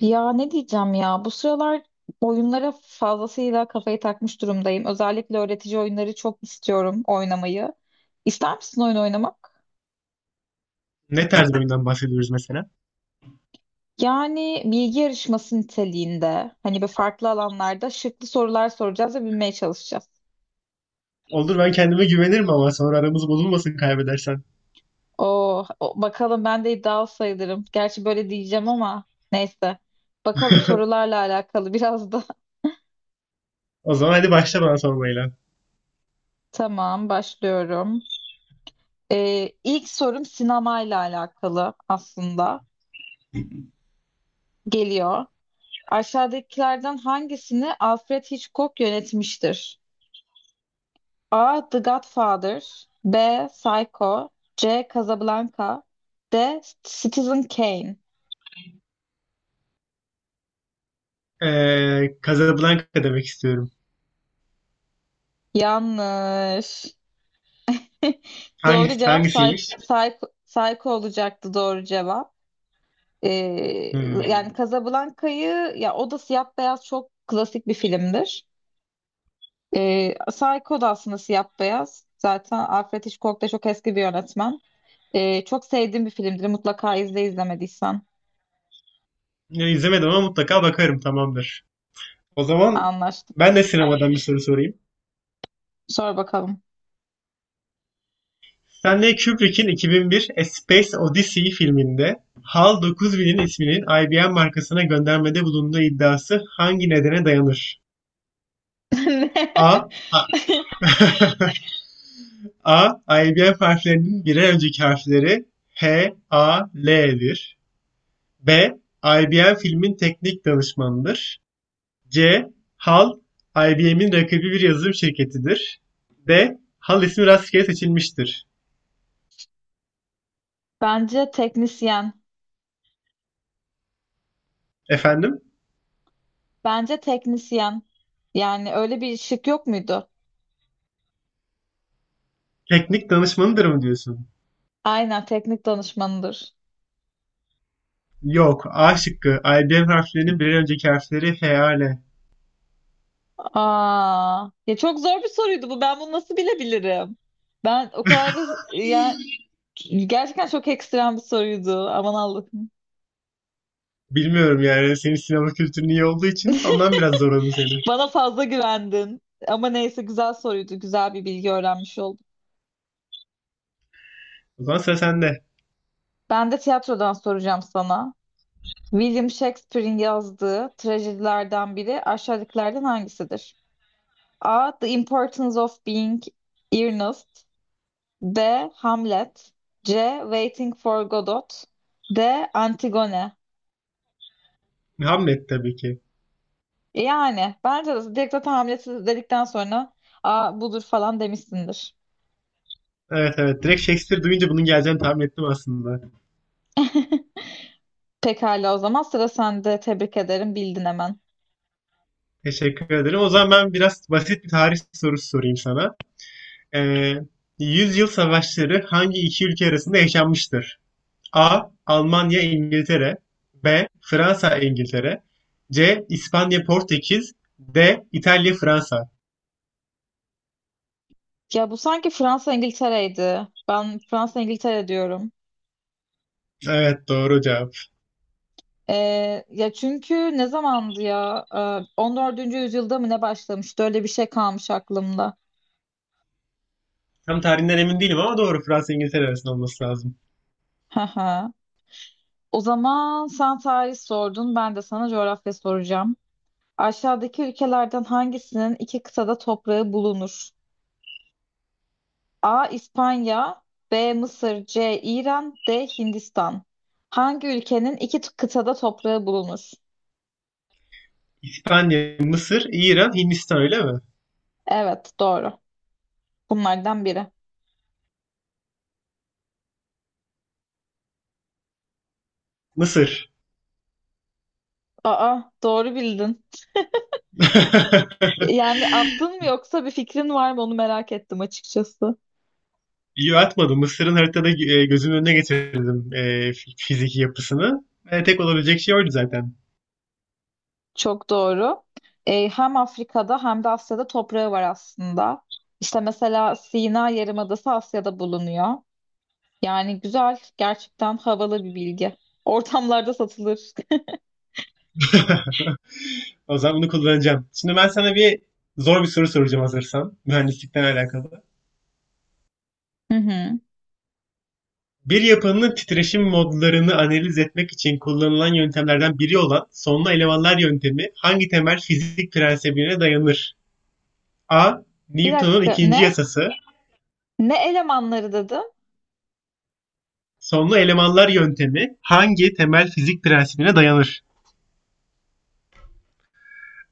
Ya ne diyeceğim ya bu sıralar oyunlara fazlasıyla kafayı takmış durumdayım. Özellikle öğretici oyunları çok istiyorum oynamayı. İster misin oyun oynamak? Ne tarz bir oyundan bahsediyoruz mesela? Yani bilgi yarışması niteliğinde hani bir farklı alanlarda şıklı sorular soracağız ve bilmeye çalışacağız. Olur, ben kendime güvenirim ama sonra aramız bozulmasın kaybedersen. Oo, bakalım ben de iddialı sayılırım. Gerçi böyle diyeceğim ama neyse. Bakalım sorularla alakalı biraz da. O zaman hadi başla bana sormayla. Tamam başlıyorum. İlk sorum sinemayla alakalı aslında. Geliyor. Aşağıdakilerden hangisini Alfred Hitchcock yönetmiştir? A. The Godfather B. Psycho C. Casablanca D. Citizen Kane. Casablanca demek istiyorum. Yanlış. Hangisi, Doğru cevap hangisiymiş? Psycho, Psycho olacaktı doğru cevap. Ee, Hmm. yani Casablanca'yı ya o da siyah beyaz çok klasik bir filmdir. Psycho da aslında siyah beyaz. Zaten Alfred Hitchcock da çok eski bir yönetmen. Çok sevdiğim bir filmdir. Mutlaka izle izlemediysen. Ya, İzlemedim ama mutlaka bakarım, tamamdır. O zaman Anlaştık. ben de sinemadan bir soru sorayım. Sor bakalım. Stanley Kubrick'in 2001 A Space Odyssey filminde HAL 9000'in isminin IBM markasına göndermede bulunduğu iddiası hangi nedene dayanır? Ne? A. A. ABM harflerinin birer önceki harfleri H, A, L'dir. B. IBM filmin teknik danışmanıdır. C. HAL, IBM'in rakibi bir yazılım şirketidir. D. HAL ismi rastgele seçilmiştir. Bence teknisyen. Efendim? Bence teknisyen. Yani öyle bir şık yok muydu? Teknik danışmanıdır mı diyorsun? Aynen teknik danışmanıdır. Yok. A şıkkı. IBM harflerinin birer önceki harfleri H, A, L. Aa, ya çok zor bir soruydu bu. Ben bunu nasıl bilebilirim? Ben o kadar da yani gerçekten çok ekstrem bir soruydu. Aman Allah'ım. Bilmiyorum yani. Senin sinema kültürün iyi olduğu için ondan biraz zorladım seni. Bana fazla güvendin. Ama neyse güzel soruydu. Güzel bir bilgi öğrenmiş oldum. O zaman sıra sende. Ben de tiyatrodan soracağım sana. William Shakespeare'in yazdığı trajedilerden biri aşağıdakilerden hangisidir? A. The Importance of Being Earnest. B. Hamlet. C. Waiting for Godot. D. Antigone. Muhammed tabii ki. Yani bence de direkt zaten Hamlet'i dedikten sonra A budur falan demişsindir. Evet evet. Direkt Shakespeare duyunca bunun geleceğini tahmin ettim aslında. Pekala o zaman sıra sende. Tebrik ederim. Bildin hemen. Teşekkür ederim. O zaman ben biraz basit bir tarih sorusu sorayım sana. Ee, Yüzyıl savaşları hangi iki ülke arasında yaşanmıştır? A. Almanya İngiltere. B. Fransa İngiltere. C. İspanya Portekiz. D. İtalya Fransa. Ya bu sanki Fransa İngiltere'ydi. Ben Fransa İngiltere diyorum. Evet, doğru cevap. Ya çünkü ne zamandı ya? 14. yüzyılda mı ne başlamıştı? Öyle bir şey kalmış aklımda. Tam tarihinden emin değilim ama doğru, Fransa İngiltere arasında olması lazım. Hı hı. O zaman sen tarih sordun, ben de sana coğrafya soracağım. Aşağıdaki ülkelerden hangisinin iki kıtada toprağı bulunur? A. İspanya, B. Mısır, C. İran, D. Hindistan. Hangi ülkenin iki kıtada toprağı bulunur? İspanya, Mısır, İran, Hindistan, öyle mi? Evet, doğru. Bunlardan biri. Mısır. Aa, doğru bildin. Yani attın mı yoksa bir fikrin var mı onu merak ettim açıkçası. Yo, atmadım. Mısır'ın haritada gözümün önüne getirdim, fiziki yapısını. Tek olabilecek şey oydu zaten. Çok doğru. Hem Afrika'da hem de Asya'da toprağı var aslında. İşte mesela Sina Yarımadası Asya'da bulunuyor. Yani güzel, gerçekten havalı bir bilgi. Ortamlarda satılır. O zaman bunu kullanacağım. Şimdi ben sana zor bir soru soracağım hazırsan. Mühendislikten alakalı. Hı hı. Bir yapının titreşim modlarını analiz etmek için kullanılan yöntemlerden biri olan sonlu elemanlar yöntemi hangi temel fizik prensibine dayanır? A. Bir Newton'un dakika ikinci ne? yasası. Ne elemanları dedim? Sonlu elemanlar yöntemi hangi temel fizik prensibine dayanır?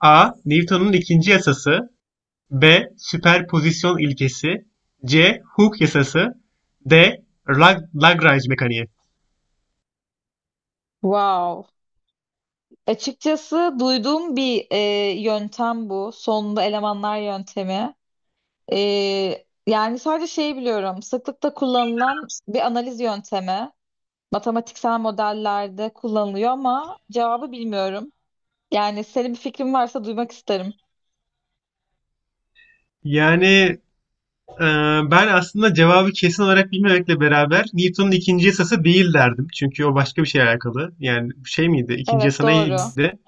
A. Newton'un ikinci yasası. B. Süperpozisyon ilkesi. C. Hooke yasası. D. Lagrange mekaniği. Wow. Açıkçası duyduğum bir yöntem bu. Sonunda elemanlar yöntemi. E, yani sadece şeyi biliyorum. Sıklıkla kullanılan bir analiz yöntemi. Matematiksel modellerde kullanılıyor ama cevabı bilmiyorum. Yani senin bir fikrin varsa duymak isterim. Yani e, ben aslında cevabı kesin olarak bilmemekle beraber Newton'un ikinci yasası değil derdim. Çünkü o başka bir şeyle alakalı. Yani şey miydi? İkinci Evet yasa doğru. neydi?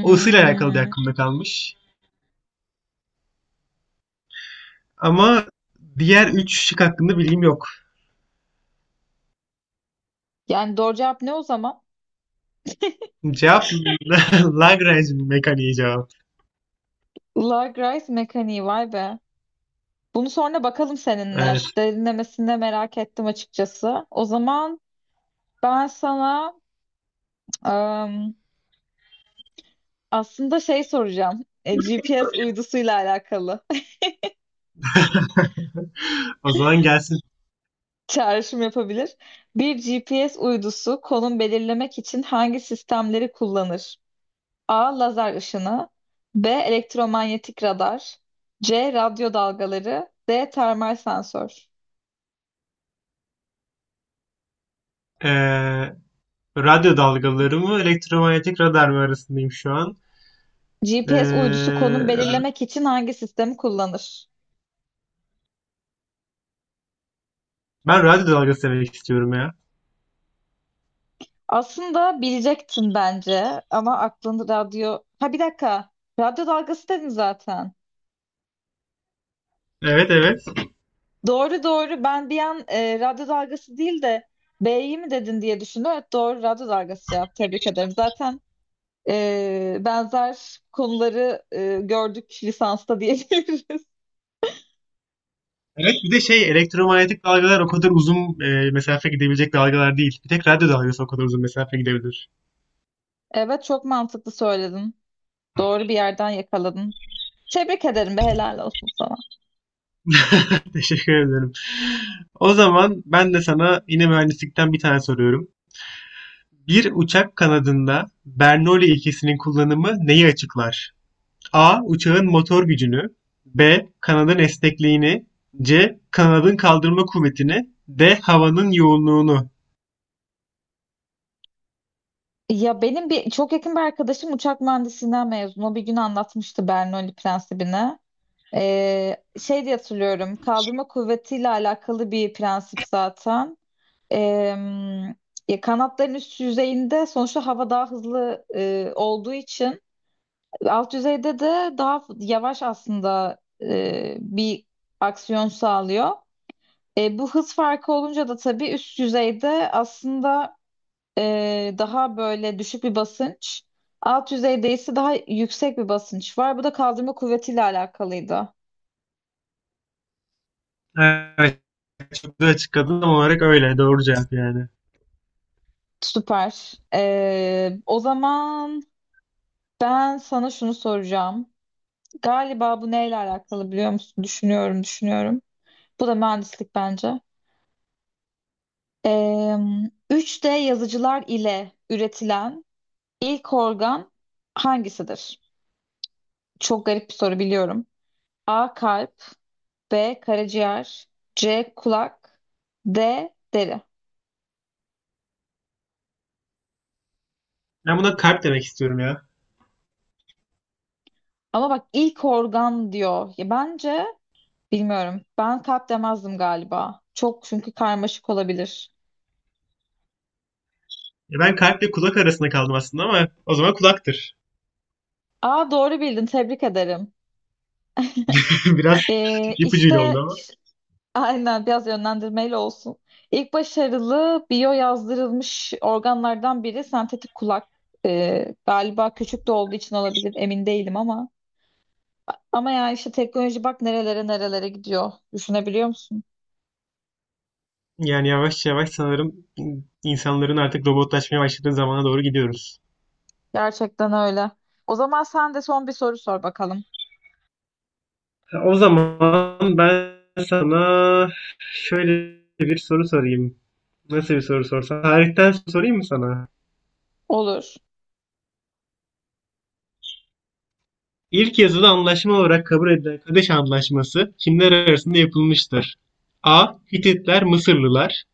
O ısıyla alakalı diye aklımda kalmış. Ama diğer üç şık hakkında bilgim yok. Yani doğru cevap ne o zaman? Cevap Lagrange mekaniği cevap. Lagrave mekaniği vay be. Bunu sonra bakalım seninle. Evet. Derinlemesine de merak ettim açıkçası. O zaman ben sana ım, aslında şey soracağım. GPS uydusuyla alakalı O zaman gelsin. çağrışım yapabilir. Bir GPS uydusu konum belirlemek için hangi sistemleri kullanır? A. Lazer ışını. B. Elektromanyetik radar. C. Radyo dalgaları. D. Termal sensör. E, Radyo dalgaları mı, elektromanyetik radar mı arasındayım şu an. Ee, GPS uydusu konum belirlemek için hangi sistemi kullanır? Ben radyo dalgası demek istiyorum ya. Aslında bilecektin bence ama aklında radyo... Ha bir dakika. Radyo dalgası dedin zaten. Evet evet. Doğru doğru. Ben bir an radyo dalgası değil de B'yi mi dedin diye düşündüm. Evet doğru radyo dalgası cevap. Tebrik ederim. Zaten benzer konuları gördük lisansta diyebiliriz. Evet, bir de şey, elektromanyetik dalgalar o kadar uzun mesafe gidebilecek dalgalar değil. Bir tek radyo dalgası o kadar uzun mesafe gidebilir. Evet çok mantıklı söyledin. Doğru bir yerden yakaladın. Tebrik ederim be helal olsun sana. Teşekkür ederim. O zaman ben de sana yine mühendislikten bir tane soruyorum. Bir uçak kanadında Bernoulli ilkesinin kullanımı neyi açıklar? A. Uçağın motor gücünü. B. Kanadın esnekliğini. C. Kanadın kaldırma kuvvetini. D. Havanın yoğunluğunu. Ya benim bir çok yakın bir arkadaşım uçak mühendisliğinden mezun. O bir gün anlatmıştı Bernoulli prensibini. Şey diye hatırlıyorum. Kaldırma kuvvetiyle alakalı bir prensip zaten. Ee, ya kanatların üst yüzeyinde sonuçta hava daha hızlı olduğu için alt düzeyde de daha yavaş aslında bir aksiyon sağlıyor. Bu hız farkı olunca da tabii üst düzeyde aslında daha böyle düşük bir basınç. Alt düzeyde ise daha yüksek bir basınç var. Bu da kaldırma kuvvetiyle alakalıydı. Evet, çok güzel açıkladın ama olarak öyle. Doğru cevap yani. Süper. O zaman ben sana şunu soracağım. Galiba bu neyle alakalı biliyor musun? Düşünüyorum, düşünüyorum. Bu da mühendislik bence. 3D yazıcılar ile üretilen ilk organ hangisidir? Çok garip bir soru biliyorum. A. Kalp. B. Karaciğer. C. Kulak. D. Deri. Ben buna kalp demek istiyorum ya. Ama bak ilk organ diyor. Ya bence bilmiyorum. Ben kalp demezdim galiba. Çok çünkü karmaşık olabilir. Ya ben kalple kulak arasında kaldım aslında ama o zaman kulaktır. A. Doğru bildin. Tebrik ederim. Biraz ipucuyla oldu İşte ama. Aynen biraz yönlendirmeyle olsun. İlk başarılı biyo yazdırılmış organlardan biri sentetik kulak. Galiba küçük de olduğu için olabilir emin değilim ama. Ama yani işte teknoloji bak nerelere nerelere gidiyor. Düşünebiliyor musun? Yani yavaş yavaş sanırım insanların artık robotlaşmaya başladığı zamana doğru gidiyoruz. Gerçekten öyle. O zaman sen de son bir soru sor bakalım. O zaman ben sana şöyle bir soru sorayım. Nasıl bir soru sorsam? Tarihten sorayım mı sana? Olur. İlk yazılı anlaşma olarak kabul edilen Kadeş Anlaşması kimler arasında yapılmıştır? A. Hititler, Mısırlılar.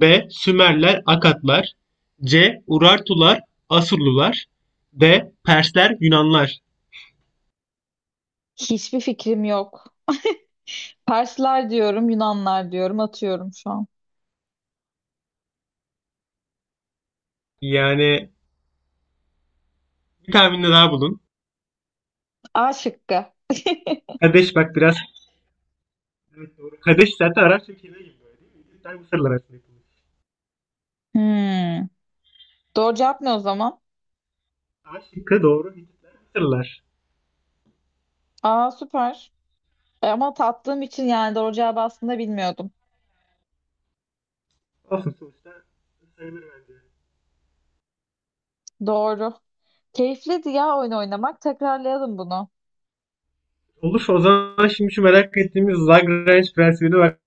B. Sümerler, Akatlar. C. Urartular, Asurlular. D. Persler, Yunanlar. Hiçbir fikrim yok. Persler diyorum, Yunanlar diyorum, atıyorum şu an. Yani bir tahminde daha bulun. A şıkkı. Kadeş, bak biraz. Evet, doğru. Kadeş zaten Arap ülkeleri gibi böyle, değil mi? Hititler, Mısırlar arasında yapılmış. Hmm. Doğru cevap ne o zaman? A şıkkı doğru. Hititler, Mısırlılar. Aa süper. Ama tattığım için yani doğru cevabı aslında bilmiyordum. Olsun, sonuçta sayılır bence. Doğru. Keyifliydi ya oyun oynamak. Tekrarlayalım bunu. Olur, o zaman şimdi şu merak ettiğimiz Lagrange prensibine bak.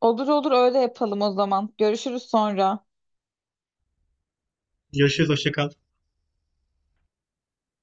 Olur olur öyle yapalım o zaman. Görüşürüz sonra. Görüşürüz, hoşça kal.